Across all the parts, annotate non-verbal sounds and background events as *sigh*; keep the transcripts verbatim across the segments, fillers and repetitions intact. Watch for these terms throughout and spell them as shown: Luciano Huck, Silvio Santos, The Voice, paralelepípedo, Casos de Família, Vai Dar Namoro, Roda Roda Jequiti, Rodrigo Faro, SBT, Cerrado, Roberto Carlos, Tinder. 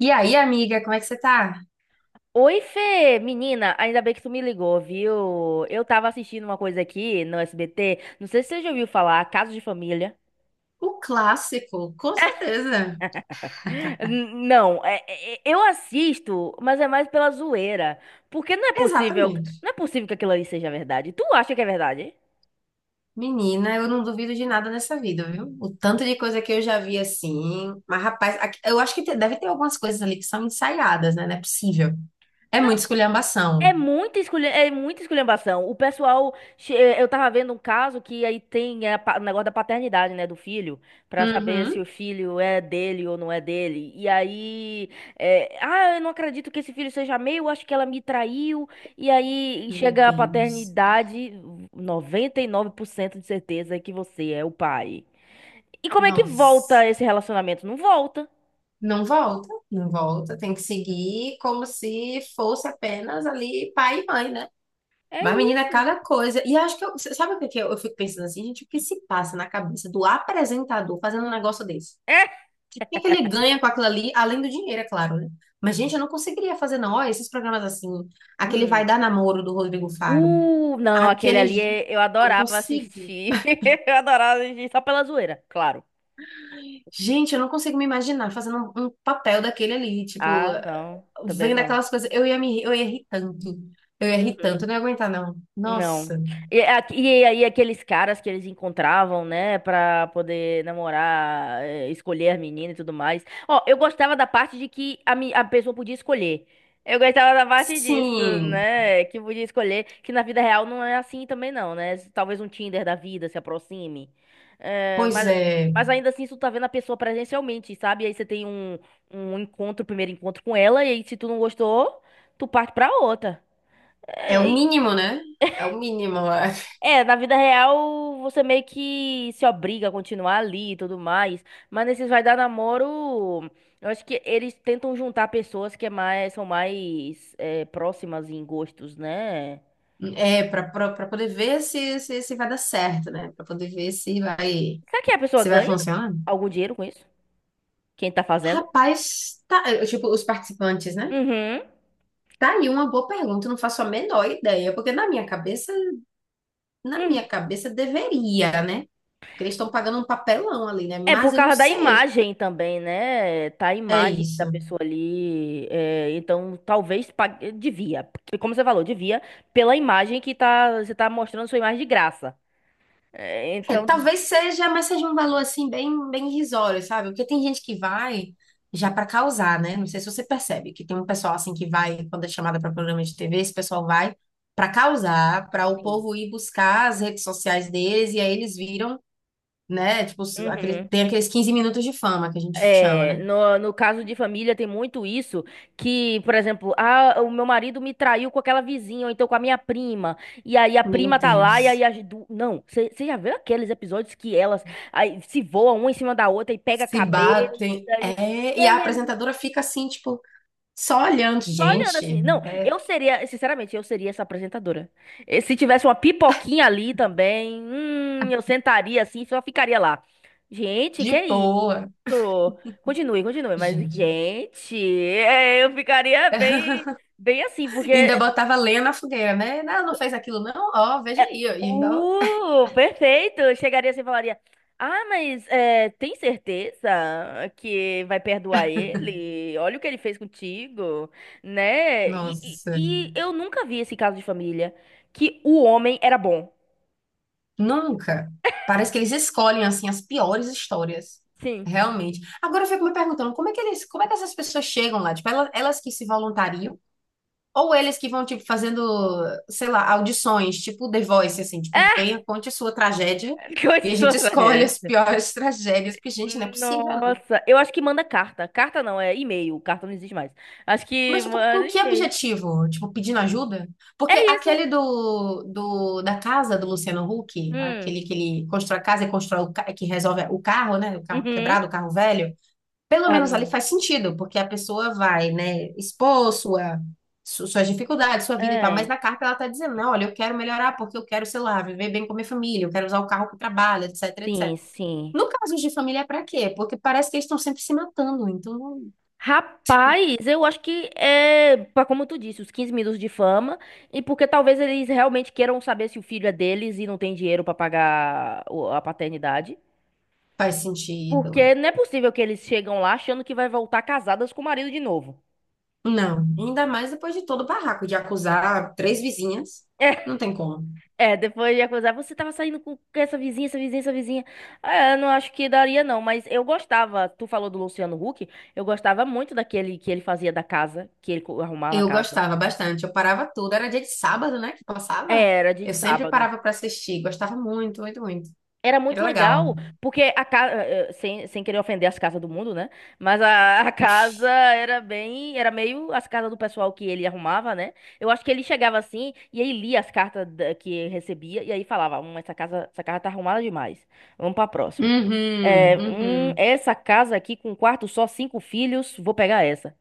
E aí, amiga, como é que você tá? Oi, Fê! Menina, ainda bem que tu me ligou, viu? Eu tava assistindo uma coisa aqui no S B T, não sei se você já ouviu falar, Casos de Família. O clássico, com certeza. N- Não, é- é- é, eu assisto, mas é mais pela zoeira. Porque não é possível, Exatamente. não é possível que aquilo ali seja verdade. Tu acha que é verdade? Menina, eu não duvido de nada nessa vida, viu? O tanto de coisa que eu já vi assim. Mas, rapaz, aqui- eu acho que te- deve ter algumas coisas ali que são ensaiadas, né? Não é possível. É muita É esculhambação. muita esculha, é muita esculhambação. O pessoal, che- eh, eu tava vendo um caso que aí tem eh, pa- o negócio da paternidade, né, do filho, pra saber se Uhum. o filho é dele ou não é dele. E aí, eh, ah, eu não acredito que esse filho seja meu, acho que ela me traiu. E aí Meu chega a Deus. paternidade, noventa e nove por cento de certeza que você é o pai. E como é que Nossa. volta esse relacionamento? Não volta. Não volta, não volta. Tem que seguir como se fosse apenas ali pai e mãe, né? É Mas, menina, isso. cada coisa. E acho que eu. Sabe o que que eu, eu fico pensando assim, gente? O que se passa na cabeça do apresentador fazendo um negócio desse? O É. que que ele ganha com aquilo ali, além do dinheiro, é claro, né? Mas, gente, eu não conseguiria fazer, não. Olha, esses programas assim. Aquele Vai Hum. Dar Namoro do Rodrigo Faro. Uh, não, aquele ali Aqueles. é- eu Não adorava consigo. assistir. *laughs* Eu adorava assistir só pela zoeira, claro. Gente, eu não consigo me imaginar fazendo um, um papel daquele ali. Tipo, Ah, não, também vendo não. aquelas coisas. Eu ia me. Eu ia rir tanto. Eu ia rir Uhum. tanto. Eu não ia aguentar, não. Não. Nossa. E, a- e aí aqueles caras que eles encontravam, né, pra poder namorar, eh, escolher a menina e tudo mais. Ó, eu gostava da parte de que a, mi- a pessoa podia escolher. Eu gostava da parte disso, Sim. né, que podia escolher, que na vida real não é assim também não, né? Talvez um Tinder da vida se aproxime. Eh, Pois mas, é. mas ainda assim, tu tá vendo a pessoa presencialmente, sabe? Aí você tem um, um encontro, primeiro encontro com ela, e aí se tu não gostou, tu parte pra outra. É o É, mínimo, né? É o mínimo. Eu acho. é, na vida real, você meio que se obriga a continuar ali e tudo mais. Mas nesses vai dar namoro, eu acho que eles tentam juntar pessoas que é mais, são mais é, próximas em gostos, né? É para para poder ver se, se, se vai dar certo, né? Para poder ver se vai Será que a pessoa se vai ganha funcionar. algum dinheiro com isso? Quem tá fazendo? Rapaz, tá, eh, tipo, os participantes, né? Uhum. Tá aí uma boa pergunta, eu não faço a menor ideia, porque na minha cabeça, na Hum. minha cabeça deveria, né? Porque eles estão pagando um papelão ali, né? É por Mas eu não causa da sei. imagem também, né? Tá a É imagem da isso. pessoa ali. É, então, talvez pague- devia. Porque, como você falou, devia pela imagem que tá, você tá mostrando sua imagem de graça. É, É, então, talvez seja, mas seja um valor assim bem, bem irrisório, sabe? Porque tem gente que vai já para causar, né? Não sei se você percebe que tem um pessoal assim que vai quando é chamada para programa de T V, esse pessoal vai para causar, para o assim, povo ir buscar as redes sociais deles e aí eles viram, né? Tipo, aquele, uhum. tem aqueles quinze minutos de fama que a gente chama, É, né? no, no caso de família tem muito isso, que, por exemplo, ah, o meu marido me traiu com aquela vizinha, ou então com a minha prima, e aí a Meu prima tá lá, e aí Deus. as du... Não, você já viu aqueles episódios que elas aí, se voam uma em cima da outra e pega Se cabelo, batem. e É, e e a aí... é apresentadora fica assim, tipo, só olhando, Só olhando gente, assim. Não, eu seria, sinceramente, eu seria essa apresentadora. E se tivesse uma pipoquinha ali também, hum, eu sentaria assim, só ficaria lá. Gente, que de é isso? boa, Continue, continue, mas gente. gente, é, eu ficaria bem, bem assim, Ainda porque botava lenha na fogueira, né? Não, não fez aquilo, não? Ó, é, veja aí, ó. E ainda... ó. uh, perfeito! Chegaria assim e falaria: Ah, mas é, tem certeza que vai perdoar ele? Olha o que ele fez contigo, né? E, e- Nossa, e eu nunca vi esse caso de família que o homem era bom. nunca. Parece que eles escolhem, assim, as piores histórias. Sim. Realmente. Agora eu fico me perguntando, como é que eles, como é que essas pessoas chegam lá? Tipo, ela- elas, que se voluntariam? Ou eles que vão, tipo, fazendo, sei lá, audições, tipo The Voice, assim, tipo, *laughs* venha, conte sua tragédia e Coisa a sua gente *laughs* escolhe as tragédia. piores *laughs* tragédias, porque, gente, não é possível. Nossa, eu acho que manda carta. Carta não, é e-mail. Carta não existe mais. Acho que Mas, tipo, com manda que e-mail. objetivo? Tipo, pedindo ajuda? É Porque isso. aquele do, do da casa do Luciano Huck, Hum. aquele que ele constrói a casa e constrói o, ca- que resolve o carro, né? O carro Uhum. quebrado, o carro velho. Pelo Ah, menos ali hum. faz sentido, porque a pessoa vai, né, expor sua, su- suas dificuldades, sua vida e tal. Mas É. na carta ela tá dizendo, não, olha, eu quero melhorar porque eu quero, sei lá, viver bem com a minha família, eu quero usar o carro que trabalho, etc, Sim, et cetera. sim. No caso de família, é pra quê? Porque parece que eles estão sempre se matando, então não Rapaz, eu acho que é, pra- como tu disse, os quinze minutos de fama, e porque talvez eles realmente queiram saber se o filho é deles e não tem dinheiro pra pagar o- a paternidade. faz sentido. Porque não é possível que eles chegam lá achando que vai voltar casadas com o marido de novo. Não, ainda mais depois de todo o barraco de acusar três vizinhas. É, Não tem como. é, depois de acusar, você tava saindo com essa vizinha, essa vizinha, essa vizinha. É, eu não acho que daria não, mas eu gostava, tu falou do Luciano Huck, eu gostava muito daquele que ele fazia da casa, que ele co- arrumava a Eu casa. gostava bastante, eu parava tudo. Era dia de sábado, né, que passava. É, era dia de Eu sempre sábado. parava pra assistir, gostava muito, muito, muito. Era Era muito legal. legal, porque a casa, sem, sem querer ofender as casas do mundo, né? Mas a, *laughs* a casa era bem, era meio as casas do pessoal que ele arrumava, né? Eu acho que ele chegava assim e aí lia as cartas da- que recebia e aí falava, hum, essa casa, essa casa tá arrumada demais. Vamos pra próxima. Uhum, É, hum, uhum. essa casa aqui com um quarto só, cinco filhos, vou pegar essa.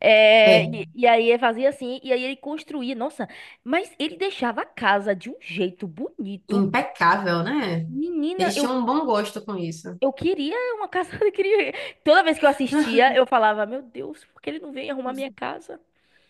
É, É, e, e aí ele fazia assim, e aí ele construía, nossa, mas ele deixava a casa de um jeito bonito. impecável, né? Menina, Eles eu tinham um bom gosto com isso. eu queria uma casa, *laughs* eu queria... Toda vez que eu assistia, eu falava, meu Deus, por que ele não vem arrumar minha casa?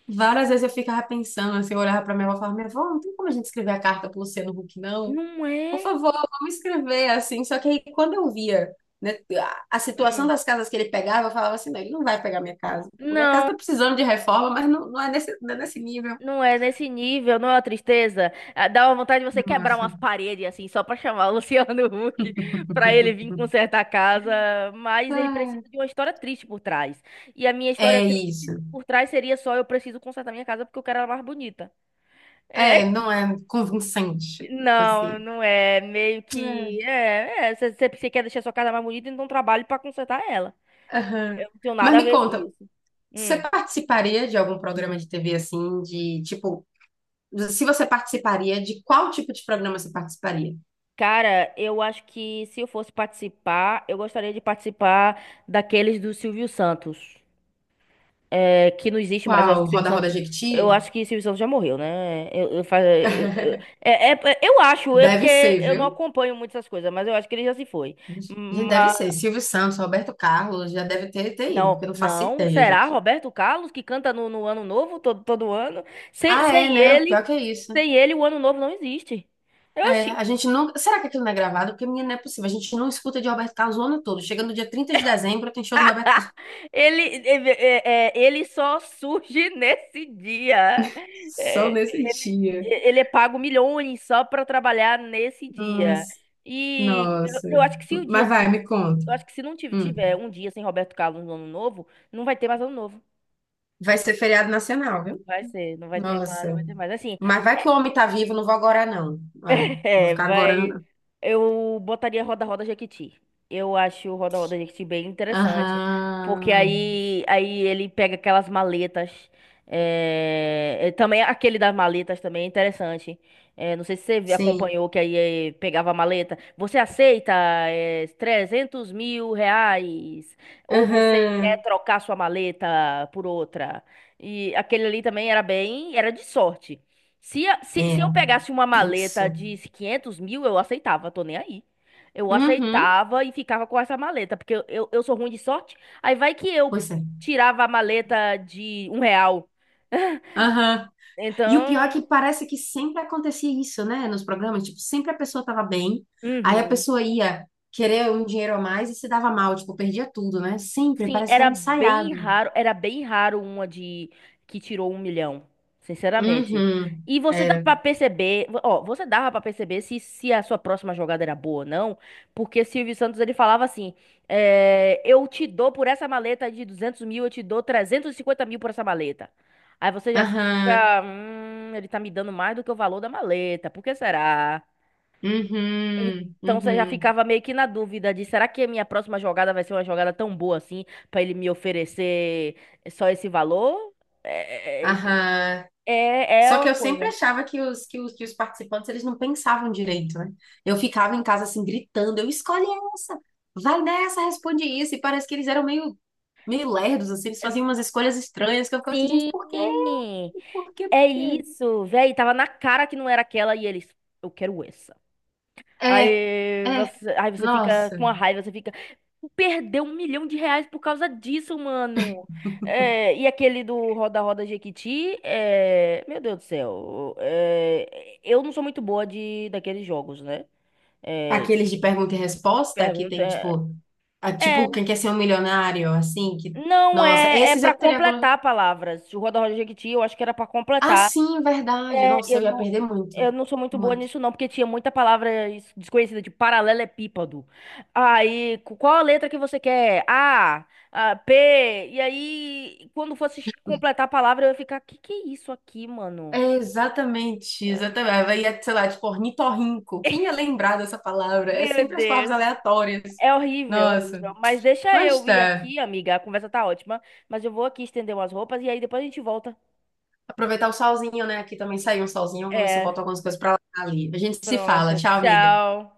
Várias vezes eu ficava pensando, assim, eu olhava pra minha avó e falava, minha avó, não tem como a gente escrever a carta pro Luciano Huck, não? Não Por é? favor, vamos escrever assim. Só que aí, quando eu via, né, a, a situação Hum. das casas que ele pegava, eu falava assim: não, ele não vai pegar minha casa. Minha casa Não, está precisando de reforma, mas não, não é nesse, não é nesse nível. não é nesse nível, não é uma tristeza. Ah, dá uma vontade de você quebrar Nossa. umas paredes, assim, só pra chamar o *laughs* Luciano Huck pra ele vir consertar a casa, mas ele Ah, precisa de uma história triste por trás. E a minha história É triste isso. por trás seria só eu preciso consertar minha casa porque eu quero ela mais bonita. É, É, não é convincente, não, assim. não é. Meio É. que. É, é. Você você- você quer deixar sua casa mais bonita, então trabalhe pra consertar ela. Aham. Eu não tenho Mas nada a me ver com conta, isso. você Hum. participaria de algum programa de T V assim, de tipo, se você participaria, de qual tipo de programa você participaria? Cara, eu acho que se eu fosse participar, eu gostaria de participar daqueles do Silvio Santos. É, que não existe mais. Eu acho Qual? que Silvio Roda Roda Santos. Eu Jequiti? acho que Silvio Santos já morreu, né? Eu, eu, fa- eu, eu- *laughs* é, é- Eu acho, é Deve ser, porque eu não viu? acompanho muito essas coisas, mas eu acho que ele já se foi. Gente, deve ser. Silvio Santos, Roberto Carlos, já deve ter, ter ido, porque Não, eu não faço não. ideia, Será gente. Roberto Carlos que canta no, no Ano Novo todo, todo ano? Sem, Ah, é, sem né? Pior que ele, é isso. sem ele o Ano Novo não existe. É, Oxi. a gente não. Será que aquilo não é gravado? Porque, menina, não é possível. A gente não escuta de Roberto Carlos o ano todo. Chega no dia trinta de dezembro, tem show do Roberto *laughs* Carlos. Ele, ele, é- é- É, ele só surge *laughs* nesse dia. *laughs* Só É, nesse Ele, dia. ele é pago milhões só para trabalhar nesse dia. Nossa, E eu, nossa. eu acho que se o dia Mas vai, ti- me conta. Eu acho que se não tive- Hum. tiver um dia sem Roberto Carlos no Ano Novo, não vai ter mais Ano Novo. Vai ser feriado nacional, viu? Vai ser, não vai ter mais, Nossa. não vai ter mais. Assim, Mas vai que o homem tá vivo, não vou agora, não. Vai, *laughs* não vou é, ficar agora, vai. não. Eu botaria Roda Roda Jequiti. Eu acho o Roda Roda Jequiti bem interessante, porque Aham. aí, aí ele pega aquelas maletas. É, é, também aquele das maletas também é interessante. É, não sei se você vi- Sim. acompanhou que aí é, pegava a maleta. Você aceita é, trezentos mil reais? Ou você quer Aham. trocar sua maleta por outra? E aquele ali também era bem, era de sorte. Se, a- se, se eu Era um pegasse uma maleta tenso. de quinhentos mil, eu aceitava, tô nem aí. Eu Uhum. aceitava e ficava com essa maleta, porque eu, eu, eu sou ruim de sorte. Aí vai que eu Pois é. tirava a maleta de um real. Aham. E o pior é Então, que parece que sempre acontecia isso, né? Nos programas, tipo, sempre a pessoa tava bem, aí a uhum. pessoa ia querer um dinheiro a mais e se dava mal, tipo, perdia tudo, né? Sempre, Sim, parece que era era bem ensaiado. raro, era bem raro uma de que tirou um milhão, sinceramente. Uhum. E você dá Era. pra perceber, ó, você dava pra perceber se, se a sua próxima jogada era boa ou não, porque Silvio Santos ele falava assim, é, eu te dou por essa maleta de duzentos mil, eu te dou trezentos e cinquenta mil por essa maleta. Aí você já Aham. fica, hum, ele tá me dando mais do que o valor da maleta, por que será? Uhum. Então você já Uhum. ficava meio que na dúvida de será que a minha próxima jogada vai ser uma jogada tão boa assim pra ele me oferecer só esse valor? É, é, Aham. é é Só que uma eu sempre coisa. achava que os, que os, que os participantes eles não pensavam direito, né? Eu ficava em casa assim, gritando, eu escolhi essa, vai nessa, responde isso. E parece que eles eram meio, meio lerdos, assim, eles faziam umas escolhas estranhas, que eu ficava assim, gente, por quê? Sim, Por quê? Por é quê? isso, velho. Tava na cara que não era aquela e eles, eu quero essa. É, Aí é, você, aí você fica nossa. com a raiva, você fica. Perdeu um milhão de reais por causa disso, mano. É, e aquele do Roda Roda Jequiti, é, meu Deus do céu. É, eu não sou muito boa de daqueles jogos, né? É, Aqueles de pergunta e resposta, que tem, pergunta. tipo, a- É, tipo, quem quer ser um milionário, assim, que, não nossa, é, é esses para eu teria... go- completar palavras. O Roda Roda Jequiti, eu acho que era pra Ah, completar. sim, verdade. É, Nossa, eu eu ia não perder muito, Eu não sou muito boa muito. nisso, não, porque tinha muita palavra es- desconhecida, de paralelepípedo. Aí, qu- qual a letra que você quer? A, a, P. E aí, quando fosse completar a palavra, eu ia ficar, que que é isso aqui, É mano? exatamente, exatamente. Vai, ia, sei lá, tipo, ornitorrinco. Quem ia lembrar dessa palavra? É Meu sempre as palavras Deus. aleatórias. É horrível, é Nossa, horrível. Mas deixa mas eu ir tá. aqui, amiga. A conversa tá ótima. Mas eu vou aqui estender umas roupas e aí depois a gente volta. Aproveitar o solzinho, né? Aqui também saiu um solzinho. Vou ver se eu É, boto algumas coisas pra lá ali. A gente se fala. pronto. Tchau, amiga. Tchau.